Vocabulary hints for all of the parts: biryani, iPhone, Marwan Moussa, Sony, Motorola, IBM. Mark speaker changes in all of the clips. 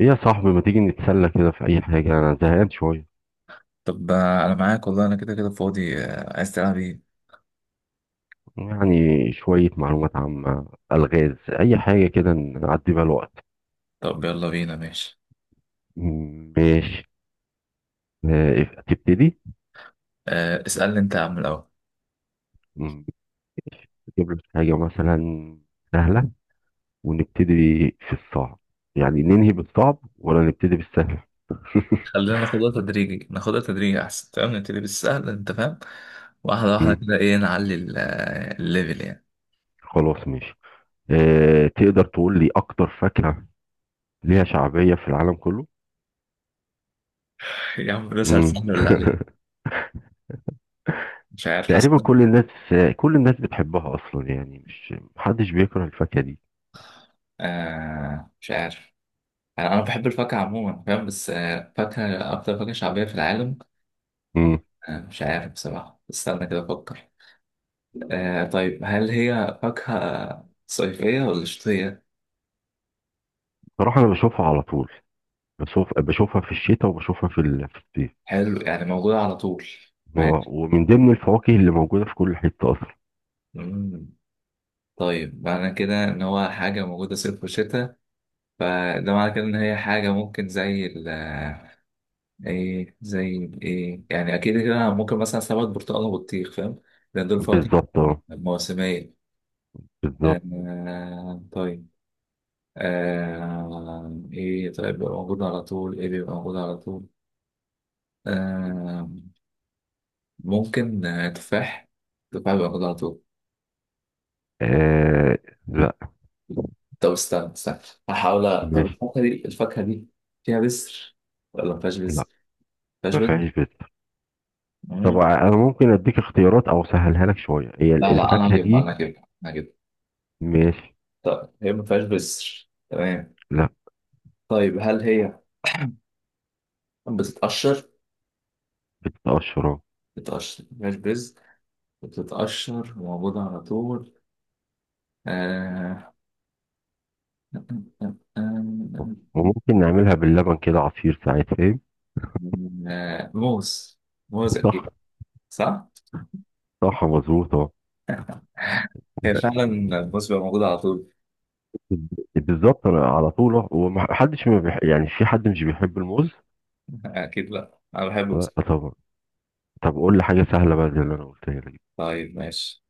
Speaker 1: ايه يا صاحبي، ما تيجي نتسلى كده في اي حاجة؟ انا زهقان شوية.
Speaker 2: طب انا معاك والله، انا كده كده فاضي. عايز تلعب ايه؟
Speaker 1: يعني شوية معلومات عامة، الغاز، اي حاجة كده نعدي بيها الوقت.
Speaker 2: طب يلا بينا. ماشي.
Speaker 1: ماشي. تبتدي.
Speaker 2: اسألني انت يا عم الاول.
Speaker 1: م- نجيب لك حاجة مثلا سهلة ونبتدي في الصعب، يعني ننهي بالصعب ولا نبتدي بالسهل؟
Speaker 2: خلينا ناخدها تدريجي ناخدها تدريجي احسن. تمام، نبتدي بالسهل، انت فاهم. واحدة واحدة
Speaker 1: م،
Speaker 2: كده، ايه، نعلي الليفل يعني.
Speaker 1: خلاص ماشي. تقدر تقول لي اكتر فاكهة ليها شعبية في العالم كله؟
Speaker 2: يا عم، بسأل
Speaker 1: م.
Speaker 2: سهل ولا عليك؟ مش عارف، حاسس.
Speaker 1: تقريبا كل الناس، كل الناس بتحبها اصلا. يعني مش محدش بيكره الفاكهه دي.
Speaker 2: مش عارف. انا بحب الفاكهة عموما فاهم، بس فاكهة، اكتر فاكهة شعبية في العالم.
Speaker 1: امم
Speaker 2: مش عارف بصراحة، استنى كده افكر. طيب، هل هي فاكهة صيفية ولا شتوية؟
Speaker 1: بصراحه انا بشوفها على طول، بشوفها في الشتاء وبشوفها في في الصيف.
Speaker 2: حلو، يعني موجودة على طول.
Speaker 1: و-
Speaker 2: ماشي.
Speaker 1: ومن ضمن الفواكه اللي موجوده في كل حته اصلا.
Speaker 2: مم. طيب، معنى كده إن هو حاجة موجودة صيف وشتاء، فده معنى كده إن هي حاجة ممكن زي إيه، زي إيه يعني. أكيد كده أنا ممكن مثلا سمك برتقال وبطيخ، فاهم، لأن دول فواكه
Speaker 1: بالظبط اه.
Speaker 2: موسمية.
Speaker 1: بالظبط.
Speaker 2: طيب. إيه، طيب، بيبقى موجود على طول، إيه بيبقى موجود على طول. آه ممكن تفاح. تفاح بيبقى موجود على طول.
Speaker 1: آه لا.
Speaker 2: طب استنى استنى، هحاول طب
Speaker 1: ماشي.
Speaker 2: الفاكهة دي فيها بذر ولا ما فيهاش
Speaker 1: لا،
Speaker 2: بذر؟ ما فيهاش
Speaker 1: ما
Speaker 2: بذر؟
Speaker 1: فيهاش بس. طب
Speaker 2: مم.
Speaker 1: انا ممكن اديك اختيارات او اسهلها لك شويه، هي
Speaker 2: لا لا، انا
Speaker 1: الفاكهه
Speaker 2: هجيبها
Speaker 1: دي.
Speaker 2: انا هجيبها انا هجيبها.
Speaker 1: ماشي.
Speaker 2: طب هي ما فيهاش بذر، تمام.
Speaker 1: لا.
Speaker 2: طيب هل هي بتتقشر؟
Speaker 1: بتتقشر آه.
Speaker 2: بتتقشر، ما فيهاش بذر، بتتقشر وموجودة على طول. آه...
Speaker 1: وممكن نعملها باللبن كده عصير ساعات فاهم.
Speaker 2: موز. موز
Speaker 1: صح.
Speaker 2: أكيد. صح؟
Speaker 1: صح مظبوط آه.
Speaker 2: هي فعلا الموز بيبقى موجود على طول.
Speaker 1: بالظبط انا على طول أه. ومحدش ما بيح... يعني في حد مش بيحب الموز؟
Speaker 2: أكيد لأ، أنا بحب الموز.
Speaker 1: لا طبعا. طب قول لي حاجه سهله بقى زي اللي انا قلتها لك.
Speaker 2: طيب ماشي.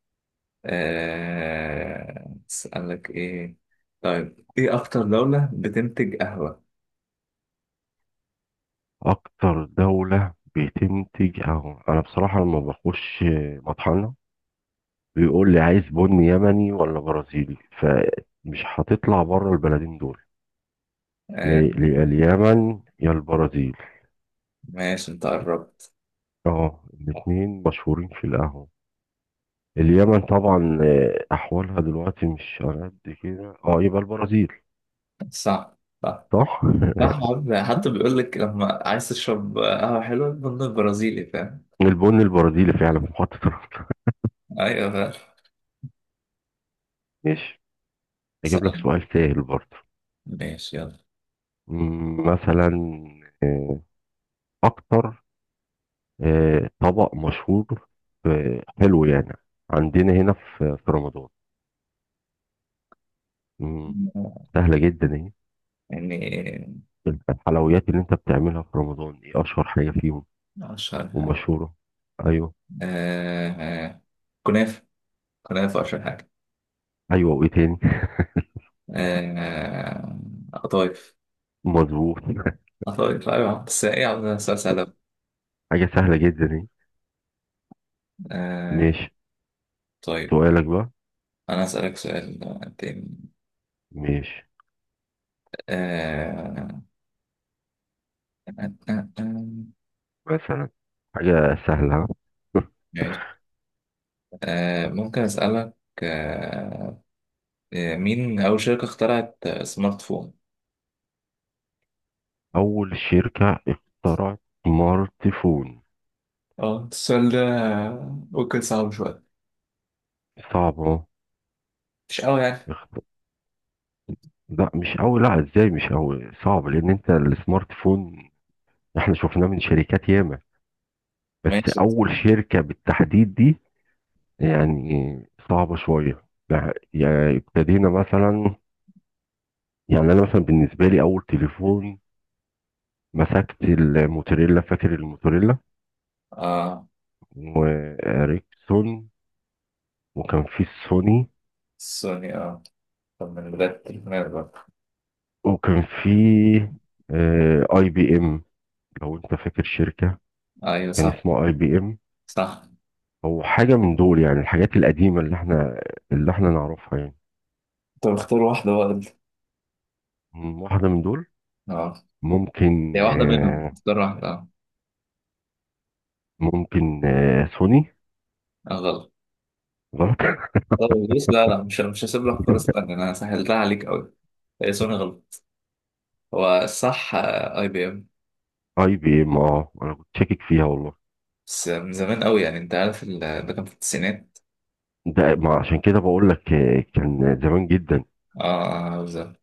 Speaker 2: أسألك إيه. طيب إيه أكتر دولة بتنتج قهوة؟
Speaker 1: اكتر دوله بتنتج، اهو انا بصراحه لما بخش مطحنه بيقول لي عايز بن يمني ولا برازيلي، فمش هتطلع بره البلدين دول، يا
Speaker 2: آه،
Speaker 1: يا اليمن يا البرازيل.
Speaker 2: ماشي، أنت قربت.
Speaker 1: اه الاتنين مشهورين في القهوه. اليمن طبعا احوالها دلوقتي مش على قد كده، اه، يبقى البرازيل.
Speaker 2: صح صح.
Speaker 1: صح.
Speaker 2: صح عم. حتى بيقول لك لما عايز تشرب قهوة حلوة، بن البرازيلي، فاهم.
Speaker 1: البن البرازيلي فعلا في محطة الرمل.
Speaker 2: أيوه فاهم.
Speaker 1: ماشي. اجيب لك
Speaker 2: اسأل.
Speaker 1: سؤال سهل برضه.
Speaker 2: ماشي يلا.
Speaker 1: مثلا آه، اكتر طبق مشهور حلو يعني عندنا هنا في رمضان. مم، سهلة جدا اهي.
Speaker 2: يعني،
Speaker 1: الحلويات اللي انت بتعملها في رمضان، ايه اشهر حاجة فيهم
Speaker 2: أشهر حاجة.
Speaker 1: ومشهورة؟ ايوه.
Speaker 2: آه، آه، كنافة. كنافة أشهر حاجة.
Speaker 1: ايوه وايه تاني؟
Speaker 2: آه، قطايف.
Speaker 1: مظبوط.
Speaker 2: قطايف أيوه. بس إيه يا عم ده سؤال سهل أوي.
Speaker 1: حاجة سهلة جدا اهي.
Speaker 2: آه،
Speaker 1: ماشي.
Speaker 2: طيب.
Speaker 1: سؤالك بقى.
Speaker 2: أنا أسألك سؤال تاني.
Speaker 1: ماشي.
Speaker 2: آه...
Speaker 1: مثلا حاجة سهلة ها؟
Speaker 2: ماشي. ممكن أسألك. آه... مين أول شركة اخترعت سمارت فون؟
Speaker 1: أول شركة اخترعت سمارت فون.
Speaker 2: اه السؤال ده ممكن صعب شوية،
Speaker 1: صعب أهو.
Speaker 2: مش قوي يعني.
Speaker 1: اخ- لا، مش أول. لا، إزاي مش أول؟ صعب لأن أنت السمارت فون إحنا شفناه من شركات ياما. بس
Speaker 2: ماشي.
Speaker 1: أول شركة بالتحديد دي يعني صعبة شوية. لا، يعني ابتدينا مثلا، يعني أنا مثلا بالنسبة لي أول تليفون مسكت الموتوريلا، فاكر الموتوريلا
Speaker 2: آه
Speaker 1: وإريكسون؟ وكان في السوني،
Speaker 2: سوني. طب من بداية التليفونات بقى.
Speaker 1: وكان في اي بي ام، لو انت فاكر شركة
Speaker 2: أيوة
Speaker 1: كان
Speaker 2: صح.
Speaker 1: اسمها اي بي ام،
Speaker 2: صح.
Speaker 1: او حاجة من دول، يعني الحاجات القديمة اللي احنا نعرفها يعني.
Speaker 2: طب اختار واحدة بقى انت.
Speaker 1: واحدة من دول.
Speaker 2: اه،
Speaker 1: ممكن
Speaker 2: هي واحدة منهم، اختار واحدة. اه.
Speaker 1: ممكن سوني.
Speaker 2: غلط.
Speaker 1: غلط.
Speaker 2: طب بص، لا لا، مش هسيب لك فرصة تانية، أنا سهلتها عليك أوي. هي سوني غلط، هو صح اي بي ام.
Speaker 1: اي بي ام. اه انا كنت شاكك فيها والله.
Speaker 2: بس من زمان قوي يعني، انت عارف ده كان في التسعينات.
Speaker 1: ده ما عشان كده بقول لك، كان زمان جدا،
Speaker 2: اه بالظبط.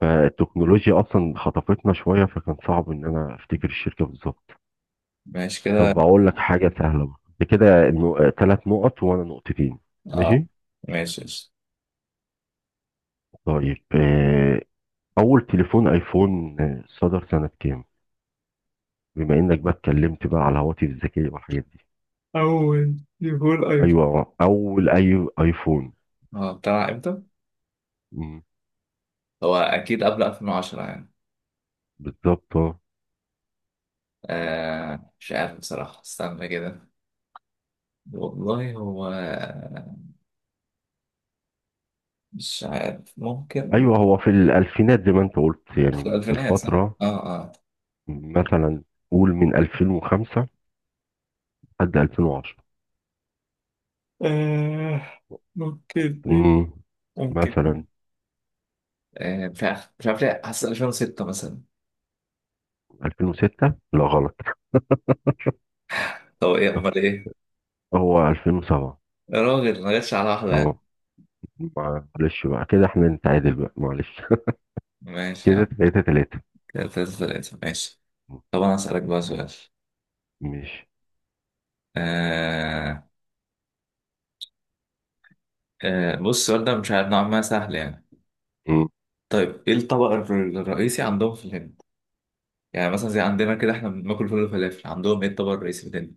Speaker 1: فالتكنولوجيا اصلا خطفتنا شوية، فكان صعب ان انا افتكر الشركة بالظبط.
Speaker 2: ماشي
Speaker 1: طب
Speaker 2: كده.
Speaker 1: اقول لك حاجة سهلة بقى. ده كده ثلاث نقط وانا نقطتين.
Speaker 2: اه
Speaker 1: ماشي.
Speaker 2: ماشي ماشي.
Speaker 1: طيب، اول تليفون ايفون صدر سنة كام، بما انك بقى اتكلمت بقى على الهواتف الذكية والحاجات دي؟
Speaker 2: أول يقول أيوة.
Speaker 1: ايوه اول ايفون.
Speaker 2: هو طلع امتى؟
Speaker 1: مم،
Speaker 2: هو اكيد قبل 2010 يعني.
Speaker 1: بالظبط آه.
Speaker 2: مش عارف بصراحة، استنى كده. والله هو مش عارف، ممكن.
Speaker 1: ايوه هو في الالفينات زي ما انت قلت، يعني
Speaker 2: في
Speaker 1: من
Speaker 2: الألفينات صح؟
Speaker 1: الفترة،
Speaker 2: اه اه.
Speaker 1: مثلا قول من 2005 لحد 2010.
Speaker 2: آه ممكن إيه،
Speaker 1: مم،
Speaker 2: ممكن.
Speaker 1: مثلا
Speaker 2: مش عارف مش عارف ليه، حاسس 2006 مثلا.
Speaker 1: 2006. لا غلط.
Speaker 2: طب ايه امال ايه؟
Speaker 1: هو 2007.
Speaker 2: يا راجل ما جاتش على واحدة يعني.
Speaker 1: اه معلش بقى، كده احنا نتعادل بقى معلش.
Speaker 2: ماشي يا عم.
Speaker 1: كده تلاتة تلاتة.
Speaker 2: كده تلاتة تلاتة ماشي. طب أنا هسألك بقى سؤال.
Speaker 1: ماشي.
Speaker 2: آه بص، السؤال ده مش عارف، نوعا ما سهل يعني. طيب إيه الطبق الرئيسي عندهم في الهند؟ يعني مثلا زي عندنا كده إحنا بناكل فول وفلافل، عندهم إيه الطبق الرئيسي في الهند؟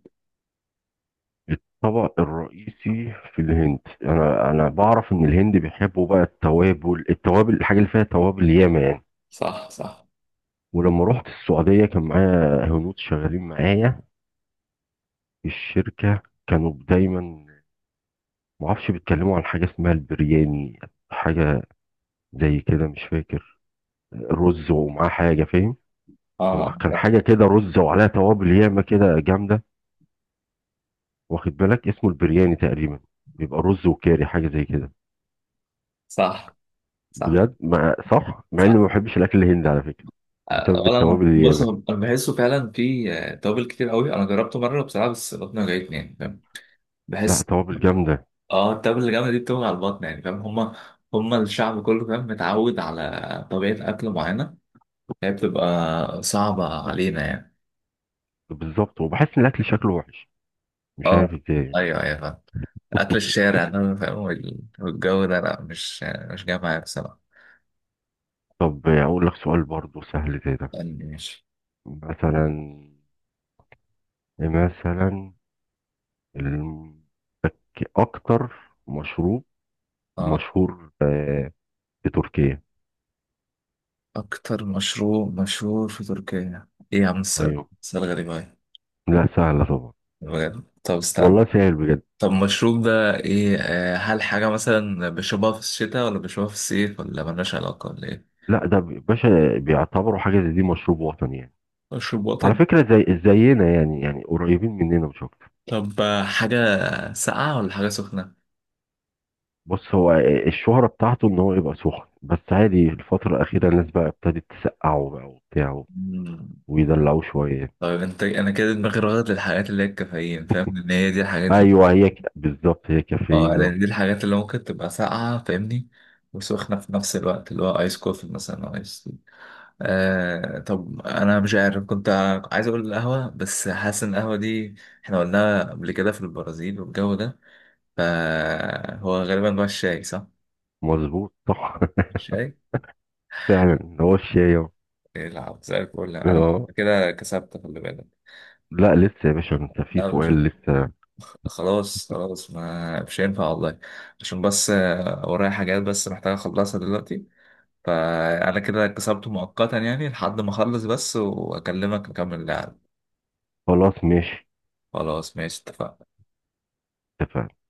Speaker 1: الطبق الرئيسي في الهند، انا بعرف ان الهند بيحبوا بقى التوابل، التوابل، الحاجه اللي فيها توابل ياما يعني.
Speaker 2: صح صح.
Speaker 1: ولما رحت السعوديه كان معايا هنود شغالين معايا في الشركه، كانوا دايما، ما اعرفش، بيتكلموا عن حاجه اسمها البرياني. حاجه زي كده، مش فاكر، رز ومعاه حاجه فاهم. هو
Speaker 2: آه
Speaker 1: كان حاجه كده رز وعليها توابل ياما كده جامده، واخد بالك؟ اسمه البرياني تقريبا، بيبقى رز وكاري حاجه زي كده.
Speaker 2: صح. صح
Speaker 1: بجد مع، صح، مع اني
Speaker 2: صح.
Speaker 1: ما بحبش الاكل الهندي على فكره بسبب
Speaker 2: ولا أنا،
Speaker 1: التوابل
Speaker 2: بص
Speaker 1: الياما.
Speaker 2: أنا بحسه فعلا في توابل كتير قوي، أنا جربته مرة بصراحة بس بطني وجعتني يعني فاهم.
Speaker 1: لا
Speaker 2: بحس،
Speaker 1: توابل جامده.
Speaker 2: اه، التبة اللي جامدة دي بتبقى على البطن يعني فاهم. هما الشعب كله فاهم، متعود على طبيعة أكل معينة، هي بتبقى صعبة علينا يعني.
Speaker 1: بالظبط، وبحس ان الاكل شكله وحش، مش عارف
Speaker 2: اه
Speaker 1: ازاي.
Speaker 2: أيوه أيوه فاهم. أكل الشارع ده فاهم والجو ده لأ، مش جاي معايا بصراحة.
Speaker 1: طب اقول لك سؤال برضو سهل زي ده.
Speaker 2: يعني ماشي.
Speaker 1: مثلا، مثلا ال- اكتر مشروب
Speaker 2: اه
Speaker 1: مشهور في تركيا.
Speaker 2: أكتر مشروب مشهور في تركيا. إيه يا عم السؤال؟
Speaker 1: ايوه.
Speaker 2: سؤال غريب أوي.
Speaker 1: لا سهله طبعا.
Speaker 2: بجد، طب استنى.
Speaker 1: والله سهل بجد.
Speaker 2: طب المشروب ده إيه، هل حاجة مثلا بيشربوها في الشتاء ولا بيشربوها في الصيف ولا ملهاش علاقة ولا إيه؟
Speaker 1: لا ده باشا، بيعتبروا حاجه زي دي مشروب وطني يعني.
Speaker 2: مشروب
Speaker 1: على
Speaker 2: وطني.
Speaker 1: فكره زي زينا يعني، قريبين مننا مش اكتر.
Speaker 2: طب حاجة ساقعة ولا حاجة سخنة؟
Speaker 1: بص، هو الشهرة بتاعته ان هو يبقى سخن، بس عادي الفترة الأخيرة الناس بقى ابتدت تسقعه بقى وبتاع،
Speaker 2: مم.
Speaker 1: ويدلعوه شوية.
Speaker 2: طيب انت، انا كده دماغي راغد للحاجات اللي هي الكافيين، فاهم ان هي دي الحاجات اللي...
Speaker 1: أيوه هي بالظبط هي
Speaker 2: اه
Speaker 1: كافيين.
Speaker 2: لان دي الحاجات اللي ممكن تبقى ساقعة فاهمني، وسخنة في نفس الوقت، اللي هو ايس كوفي مثلا او ايس تي. طب انا مش عارف، كنت عايز اقول القهوة، بس حاسس ان القهوة دي احنا قلناها قبل كده في البرازيل والجو ده. فهو غالبا بقى الشاي صح؟
Speaker 1: مظبوط صح.
Speaker 2: الشاي؟
Speaker 1: فعلا هو الشاي أهو.
Speaker 2: يلعب زي الفل انا.
Speaker 1: اه
Speaker 2: كده كسبت، خلي بالك.
Speaker 1: لا، لسه يا باشا انت في
Speaker 2: لا، مش
Speaker 1: سؤال لسه.
Speaker 2: خلاص خلاص، ما مش هينفع والله. عشان بس ورايا حاجات بس محتاج اخلصها دلوقتي. فانا كده كسبت مؤقتا يعني، لحد ما اخلص بس واكلمك نكمل اللعب.
Speaker 1: خلاص ماشي
Speaker 2: خلاص ماشي اتفقنا.
Speaker 1: اتفقنا.